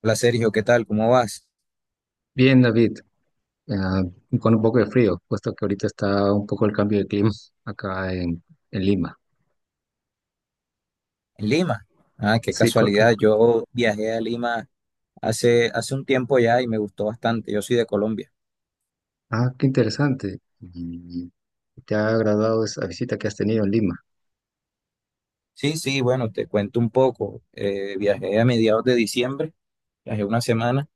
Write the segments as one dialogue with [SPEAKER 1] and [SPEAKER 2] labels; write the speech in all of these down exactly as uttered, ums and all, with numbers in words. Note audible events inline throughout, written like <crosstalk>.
[SPEAKER 1] Hola Sergio, ¿qué tal? ¿Cómo vas?
[SPEAKER 2] Bien, David, ah, con un poco de frío, puesto que ahorita está un poco el cambio de clima <laughs> acá en, en Lima.
[SPEAKER 1] En Lima. Ah, qué
[SPEAKER 2] Sí,
[SPEAKER 1] casualidad.
[SPEAKER 2] correcto.
[SPEAKER 1] Yo viajé a Lima hace, hace un tiempo ya y me gustó bastante. Yo soy de Colombia.
[SPEAKER 2] Ah, qué interesante. ¿Y te ha agradado esa visita que has tenido en Lima?
[SPEAKER 1] Sí, sí, bueno, te cuento un poco. Eh, viajé a mediados de diciembre, viajé una semana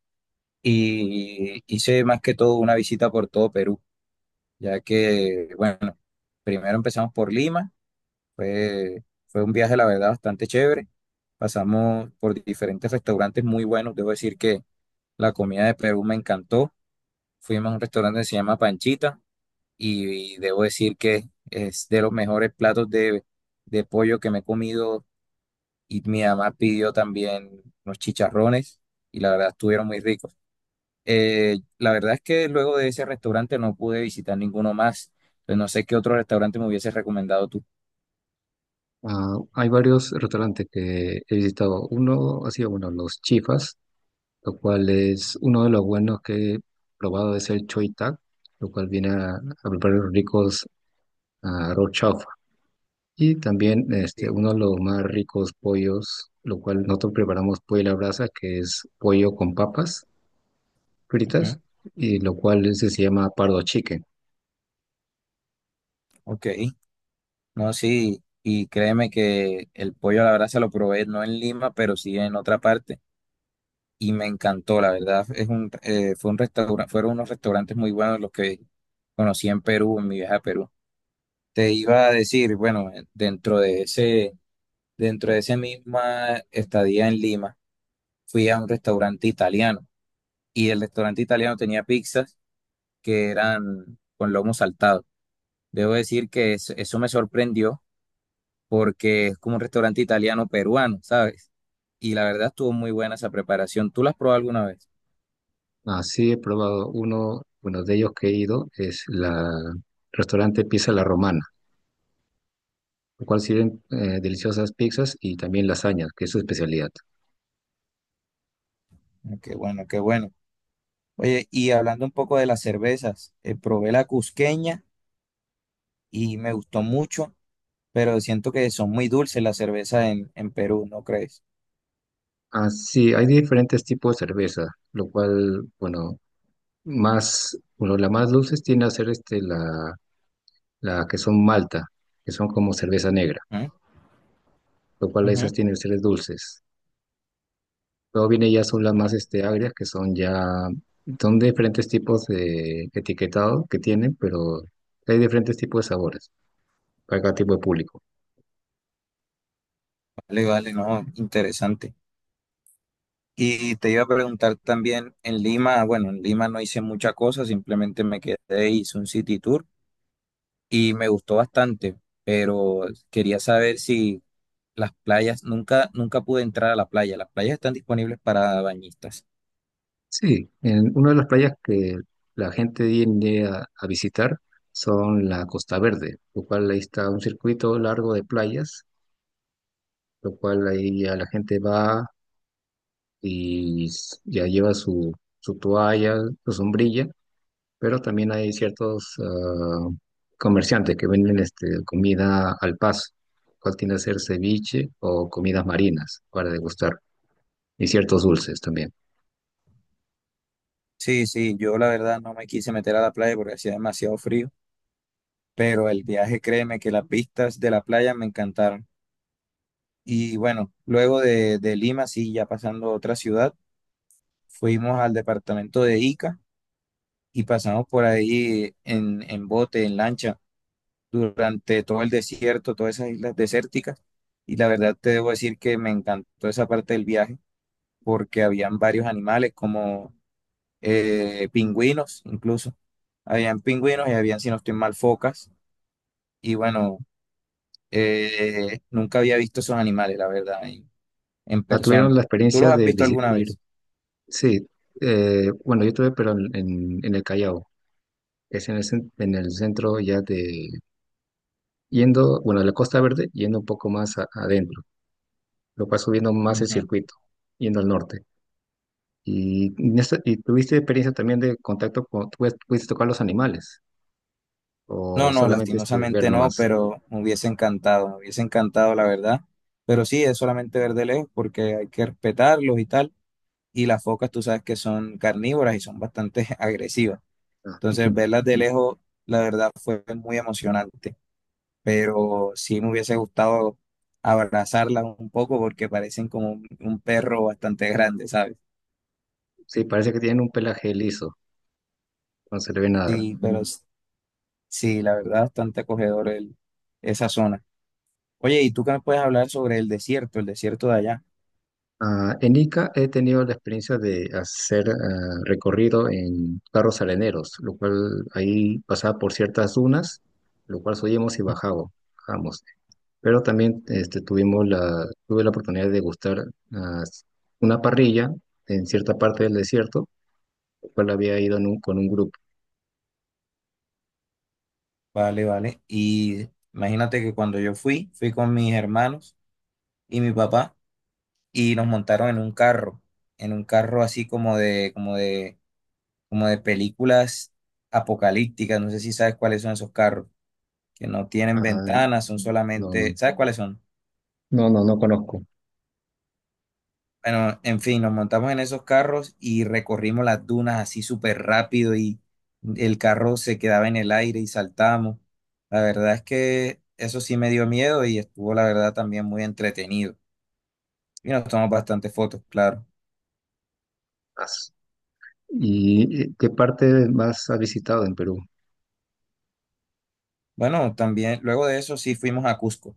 [SPEAKER 1] y hice más que todo una visita por todo Perú, ya que, bueno, primero empezamos por Lima. Fue, fue un viaje, la verdad, bastante chévere. Pasamos por diferentes restaurantes muy buenos. Debo decir que la comida de Perú me encantó. Fuimos a un restaurante que se llama Panchita y, y debo decir que es de los mejores platos de, de pollo que me he comido y mi mamá pidió también unos chicharrones y la verdad estuvieron muy ricos. Eh, la verdad es que luego de ese restaurante no pude visitar ninguno más, pues no sé qué otro restaurante me hubiese recomendado tú.
[SPEAKER 2] Ah, hay varios restaurantes que he visitado. Uno ha sido, bueno, Los Chifas, lo cual es uno de los buenos que he probado, es el Choy Tag, lo cual viene a, a preparar ricos ah, arroz. Y también este,
[SPEAKER 1] Sí.
[SPEAKER 2] uno de los más ricos pollos, lo cual nosotros preparamos pollo a la brasa, que es pollo con papas fritas,
[SPEAKER 1] Ujú.
[SPEAKER 2] y lo cual ese se llama pardo chicken.
[SPEAKER 1] Ok, no, sí, y créeme que el pollo la verdad se lo probé no en Lima, pero sí en otra parte y me encantó, la verdad. Es un, eh, fue un restaurante, fueron unos restaurantes muy buenos los que conocí en Perú, en mi viaje a Perú. Te iba a decir, bueno, eh, dentro de ese, dentro de esa misma estadía en Lima, fui a un restaurante italiano y el restaurante italiano tenía pizzas que eran con lomo saltado. Debo decir que es- eso me sorprendió porque es como un restaurante italiano peruano, ¿sabes? Y la verdad estuvo muy buena esa preparación. ¿Tú la has probado alguna vez?
[SPEAKER 2] Así he probado uno, uno de ellos que he ido, es la restaurante Pizza La Romana, lo cual sirven eh, deliciosas pizzas y también lasañas, que es su especialidad.
[SPEAKER 1] Ah, qué bueno, qué bueno. Oye, y hablando un poco de las cervezas, eh, probé la cusqueña y me gustó mucho, pero siento que son muy dulces las cervezas en, en Perú, ¿no crees?
[SPEAKER 2] Así, hay diferentes tipos de cerveza, lo cual, bueno, más, bueno, la más dulce tiene a ser este, la la que son malta, que son como cerveza negra,
[SPEAKER 1] ¿Mm?
[SPEAKER 2] lo cual
[SPEAKER 1] Ujú.
[SPEAKER 2] esas tienen ustedes dulces. Luego viene ya son las más este, agrias, que son ya, son diferentes tipos de etiquetado que tienen, pero hay diferentes tipos de sabores para cada tipo de público.
[SPEAKER 1] Vale, vale, no, interesante. Y te iba a preguntar también en Lima, bueno, en Lima no hice mucha cosa, simplemente me quedé, e hice un city tour y me gustó bastante, pero quería saber si las playas, nunca, nunca pude entrar a la playa, las playas están disponibles para bañistas.
[SPEAKER 2] Sí, en una de las playas que la gente viene a, a visitar son la Costa Verde, lo cual ahí está un circuito largo de playas, lo cual ahí ya la gente va y s- ya lleva su, su toalla, su sombrilla, pero también hay ciertos ah, comerciantes que venden este, comida al paso, cual tiende a ser ceviche o comidas marinas para degustar, y ciertos dulces también.
[SPEAKER 1] Sí, sí, yo la verdad no me quise meter a la playa porque hacía demasiado frío, pero el viaje, créeme que las vistas de la playa me encantaron. Y bueno, luego de, de Lima, sí, ya pasando a otra ciudad, fuimos al departamento de Ica y pasamos por ahí en, en bote, en lancha, durante todo el desierto, todas esas islas desérticas. Y la verdad te debo decir que me encantó esa parte del viaje porque habían varios animales como eh, pingüinos incluso. Habían pingüinos y habían, si no estoy mal, focas. Y bueno, eh, nunca había visto esos animales, la verdad, en, en
[SPEAKER 2] Ah, ¿tuvieron
[SPEAKER 1] persona.
[SPEAKER 2] la
[SPEAKER 1] ¿Tú
[SPEAKER 2] experiencia
[SPEAKER 1] los has
[SPEAKER 2] de
[SPEAKER 1] visto alguna
[SPEAKER 2] visitar?
[SPEAKER 1] vez?
[SPEAKER 2] Sí, eh, bueno, yo estuve, pero en, en- en el Callao, que es en el, cen- en el centro ya de, yendo, bueno, de la Costa Verde, yendo un poco más a- adentro, lo cual subiendo más el
[SPEAKER 1] Ujú.
[SPEAKER 2] circuito, yendo al norte. Y, en esta- y tuviste experiencia también de contacto con, tú pudiste tocar los animales, o
[SPEAKER 1] No, no,
[SPEAKER 2] solamente este, ver
[SPEAKER 1] lastimosamente no,
[SPEAKER 2] nomás.
[SPEAKER 1] pero me hubiese encantado, me hubiese encantado, la verdad. Pero sí, es solamente ver de lejos porque hay que respetarlos y tal. Y las focas, tú sabes que son carnívoras y son bastante <laughs> agresivas.
[SPEAKER 2] Ah,
[SPEAKER 1] Entonces,
[SPEAKER 2] <laughs>
[SPEAKER 1] verlas de lejos, la verdad, fue muy emocionante, pero sí me hubiese gustado abrazarla un poco porque parecen como un, un perro bastante grande, ¿sabes?
[SPEAKER 2] sí, parece que tienen un pelaje liso, no se le ve nada.
[SPEAKER 1] Sí, pero mm, s- sí, la verdad, bastante acogedor el, esa zona. Oye, ¿y tú qué me puedes hablar sobre el desierto, el desierto de allá?
[SPEAKER 2] Ah, en Ica he tenido la experiencia de hacer ah, recorrido en carros areneros, lo cual ahí pasaba por ciertas dunas, lo cual subíamos y bajabo- bajábamos. Pero también este, tuvimos la, tuve la oportunidad de degustar ah, una parrilla en cierta parte del desierto, lo cual había ido en un- con un grupo.
[SPEAKER 1] Vale, vale. Y imagínate que cuando yo fui, fui con mis hermanos y mi papá y nos montaron en un carro, en un carro así como de, como de, como de películas apocalípticas, no sé si sabes cuáles son esos carros, que no tienen
[SPEAKER 2] Ah,
[SPEAKER 1] ventanas, son
[SPEAKER 2] no,
[SPEAKER 1] solamente,
[SPEAKER 2] no,
[SPEAKER 1] ¿sabes cuáles son?
[SPEAKER 2] no, no, no conozco.
[SPEAKER 1] Bueno, en fin, nos montamos en esos carros y recorrimos las dunas así súper rápido y el carro se quedaba en el aire y saltamos. La verdad es que eso sí me dio miedo y estuvo, la verdad, también muy entretenido. Y nos tomamos bastantes fotos, claro.
[SPEAKER 2] ¿Y eh, qué parte más has visitado en Perú?
[SPEAKER 1] Bueno, también luego de eso sí fuimos a Cusco.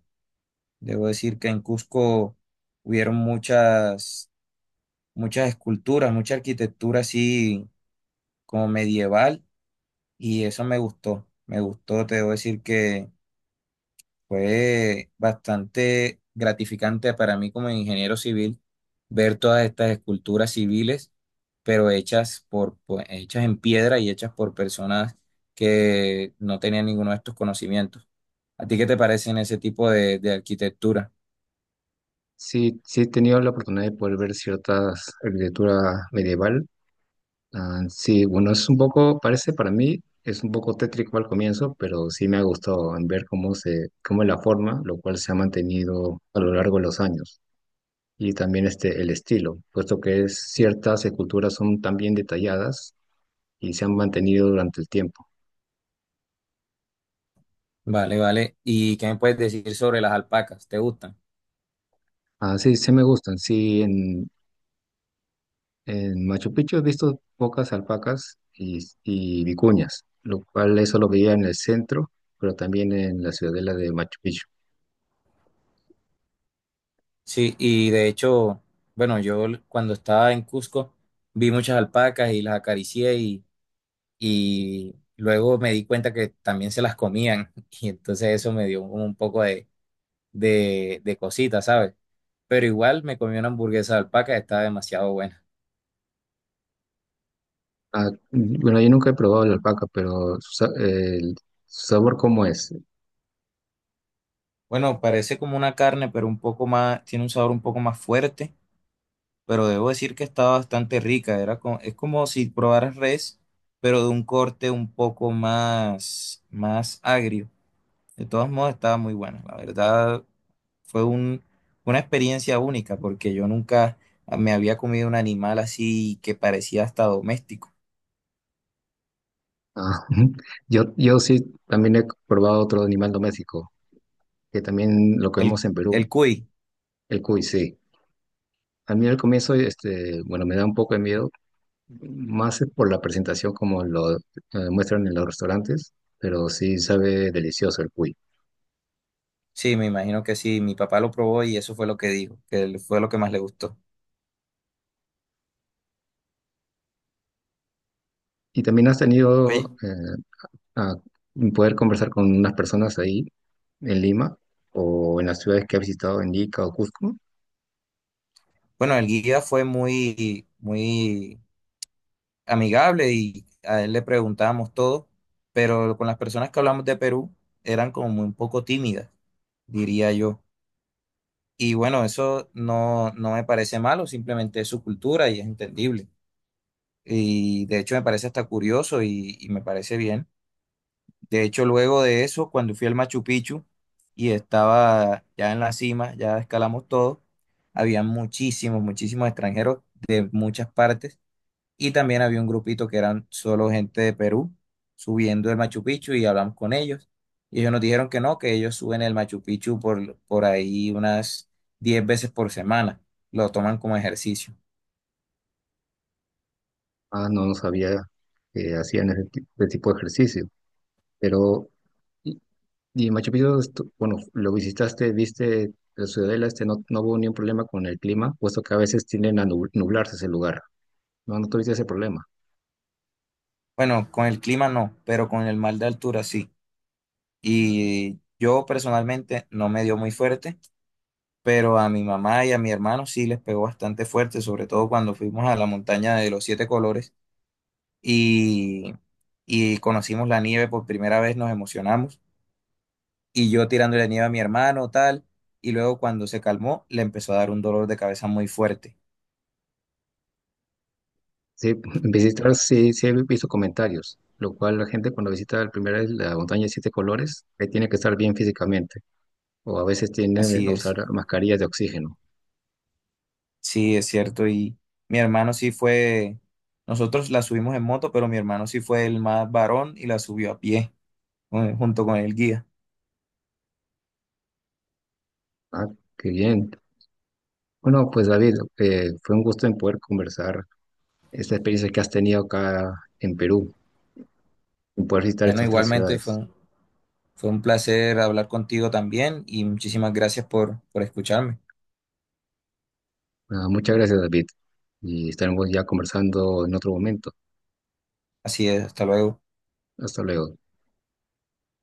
[SPEAKER 1] Debo decir que en Cusco hubieron muchas, muchas esculturas, mucha arquitectura así como medieval. Y eso me gustó, me gustó, te debo decir que fue bastante gratificante para mí como ingeniero civil, ver todas estas esculturas civiles, pero hechas por, pues, hechas en piedra y hechas por personas que no tenían ninguno de estos conocimientos. ¿A ti qué te parecen ese tipo de, de arquitectura?
[SPEAKER 2] Sí, sí he tenido la oportunidad de poder ver ciertas arquitectura medieval. Ah, sí, bueno, es un poco, parece para mí, es un poco tétrico al comienzo, pero sí me ha gustado en ver cómo se, cómo es la forma, lo cual se ha mantenido a lo largo de los años. Y también este, el estilo, puesto que es, ciertas esculturas son tan bien detalladas y se han mantenido durante el tiempo.
[SPEAKER 1] Vale, vale. ¿Y qué me puedes decir sobre las alpacas? ¿Te gustan?
[SPEAKER 2] Ah, sí, sí me gustan, sí. En Machu Picchu he visto pocas alpacas y, y vicuñas, lo cual eso lo veía en el centro, pero también en la ciudadela de Machu Picchu.
[SPEAKER 1] Sí, y de hecho, bueno, yo l- cuando estaba en Cusco vi muchas alpacas y las acaricié y luego me di cuenta que también se las comían <laughs> y entonces eso me dio como un poco de, de, de cosita, ¿sabes? Pero igual me comí una hamburguesa de alpaca, estaba demasiado buena.
[SPEAKER 2] Ah, mm, bueno, yo nunca he probado la alpaca, pero su, sa- el su sabor cómo es.
[SPEAKER 1] Bueno, parece como una carne, pero un poco más, tiene un sabor un poco más fuerte, pero debo decir que estaba bastante rica, era co- es como si probaras res, pero de un corte un poco más, más agrio. De todos modos, estaba muy buena, la verdad. Fue un- una experiencia única porque yo nunca me había comido un animal así que parecía hasta doméstico.
[SPEAKER 2] Ah, <laughs> yo, yo sí también he probado otro animal doméstico, que también lo
[SPEAKER 1] El,
[SPEAKER 2] comemos en Perú,
[SPEAKER 1] el cuy,
[SPEAKER 2] el cuy, sí. A mí al comienzo, este, bueno, me da un poco de miedo, más por la presentación como lo eh, muestran en los restaurantes, pero sí sabe delicioso el cuy.
[SPEAKER 1] sí, me imagino que sí. Mi papá lo probó y eso fue lo que dijo, que él- fue lo que más le gustó.
[SPEAKER 2] Y también has
[SPEAKER 1] Oye,
[SPEAKER 2] tenido eh, a poder conversar con unas personas ahí en Lima o en las ciudades que has visitado en Ica o Cusco.
[SPEAKER 1] bueno, el guía fue muy, muy amigable y a él le preguntábamos todo, pero con las personas que hablamos de Perú eran como muy un poco tímidas, diría yo. Y bueno, eso no, no me parece malo, simplemente es su cultura y es entendible. Y de hecho me parece hasta curioso y, y me parece bien. De hecho, luego de eso, cuando fui al Machu Picchu y estaba ya en la cima, ya escalamos todo, había muchísimos, muchísimos extranjeros de muchas partes y también había un grupito que eran solo gente de Perú subiendo el Machu Picchu y hablamos con ellos. Y ellos nos dijeron que no, que ellos suben el Machu Picchu por, por ahí unas diez veces por semana. Lo toman como ejercicio.
[SPEAKER 2] Ah, no, no sabía que hacían ese ti- ese tipo de ejercicio. Pero, y, y Machu Picchu, estu- bueno, lo visitaste, viste la ciudadela, este, no, no hubo ningún problema con el clima, puesto que a veces tienden a nub- nublarse ese lugar. No, no tuviste ese problema.
[SPEAKER 1] Bueno, con el clima no, pero con el mal de altura sí. Y yo personalmente no me dio muy fuerte, pero a mi mamá y a mi hermano sí les pegó bastante fuerte, sobre todo cuando fuimos a la montaña de los siete colores y, y conocimos la nieve por primera vez, nos emocionamos. Y yo tirándole nieve a mi hermano, tal, y luego cuando se calmó, le empezó a dar un dolor de cabeza muy fuerte.
[SPEAKER 2] Sí, en visitar, sí, sí he visto comentarios, lo cual la gente cuando visita la primera vez la montaña de siete colores, eh, tiene que estar bien físicamente, o a veces tienden
[SPEAKER 1] Así
[SPEAKER 2] a usar
[SPEAKER 1] es,
[SPEAKER 2] mascarillas de oxígeno.
[SPEAKER 1] sí, es cierto. Y mi hermano sí fue, nosotros la subimos en moto, pero mi hermano sí fue el más varón y la subió a pie, eh, junto con el guía.
[SPEAKER 2] Ah, qué bien. Bueno, pues David, eh, fue un gusto en poder conversar esta experiencia que has tenido acá en Perú, en poder visitar
[SPEAKER 1] Bueno,
[SPEAKER 2] estas tres
[SPEAKER 1] igualmente
[SPEAKER 2] ciudades.
[SPEAKER 1] fue un, fue un placer hablar contigo también y muchísimas gracias por, por escucharme.
[SPEAKER 2] Ah, muchas gracias, David, y estaremos ya conversando en otro momento.
[SPEAKER 1] Así es, hasta luego.
[SPEAKER 2] Hasta luego.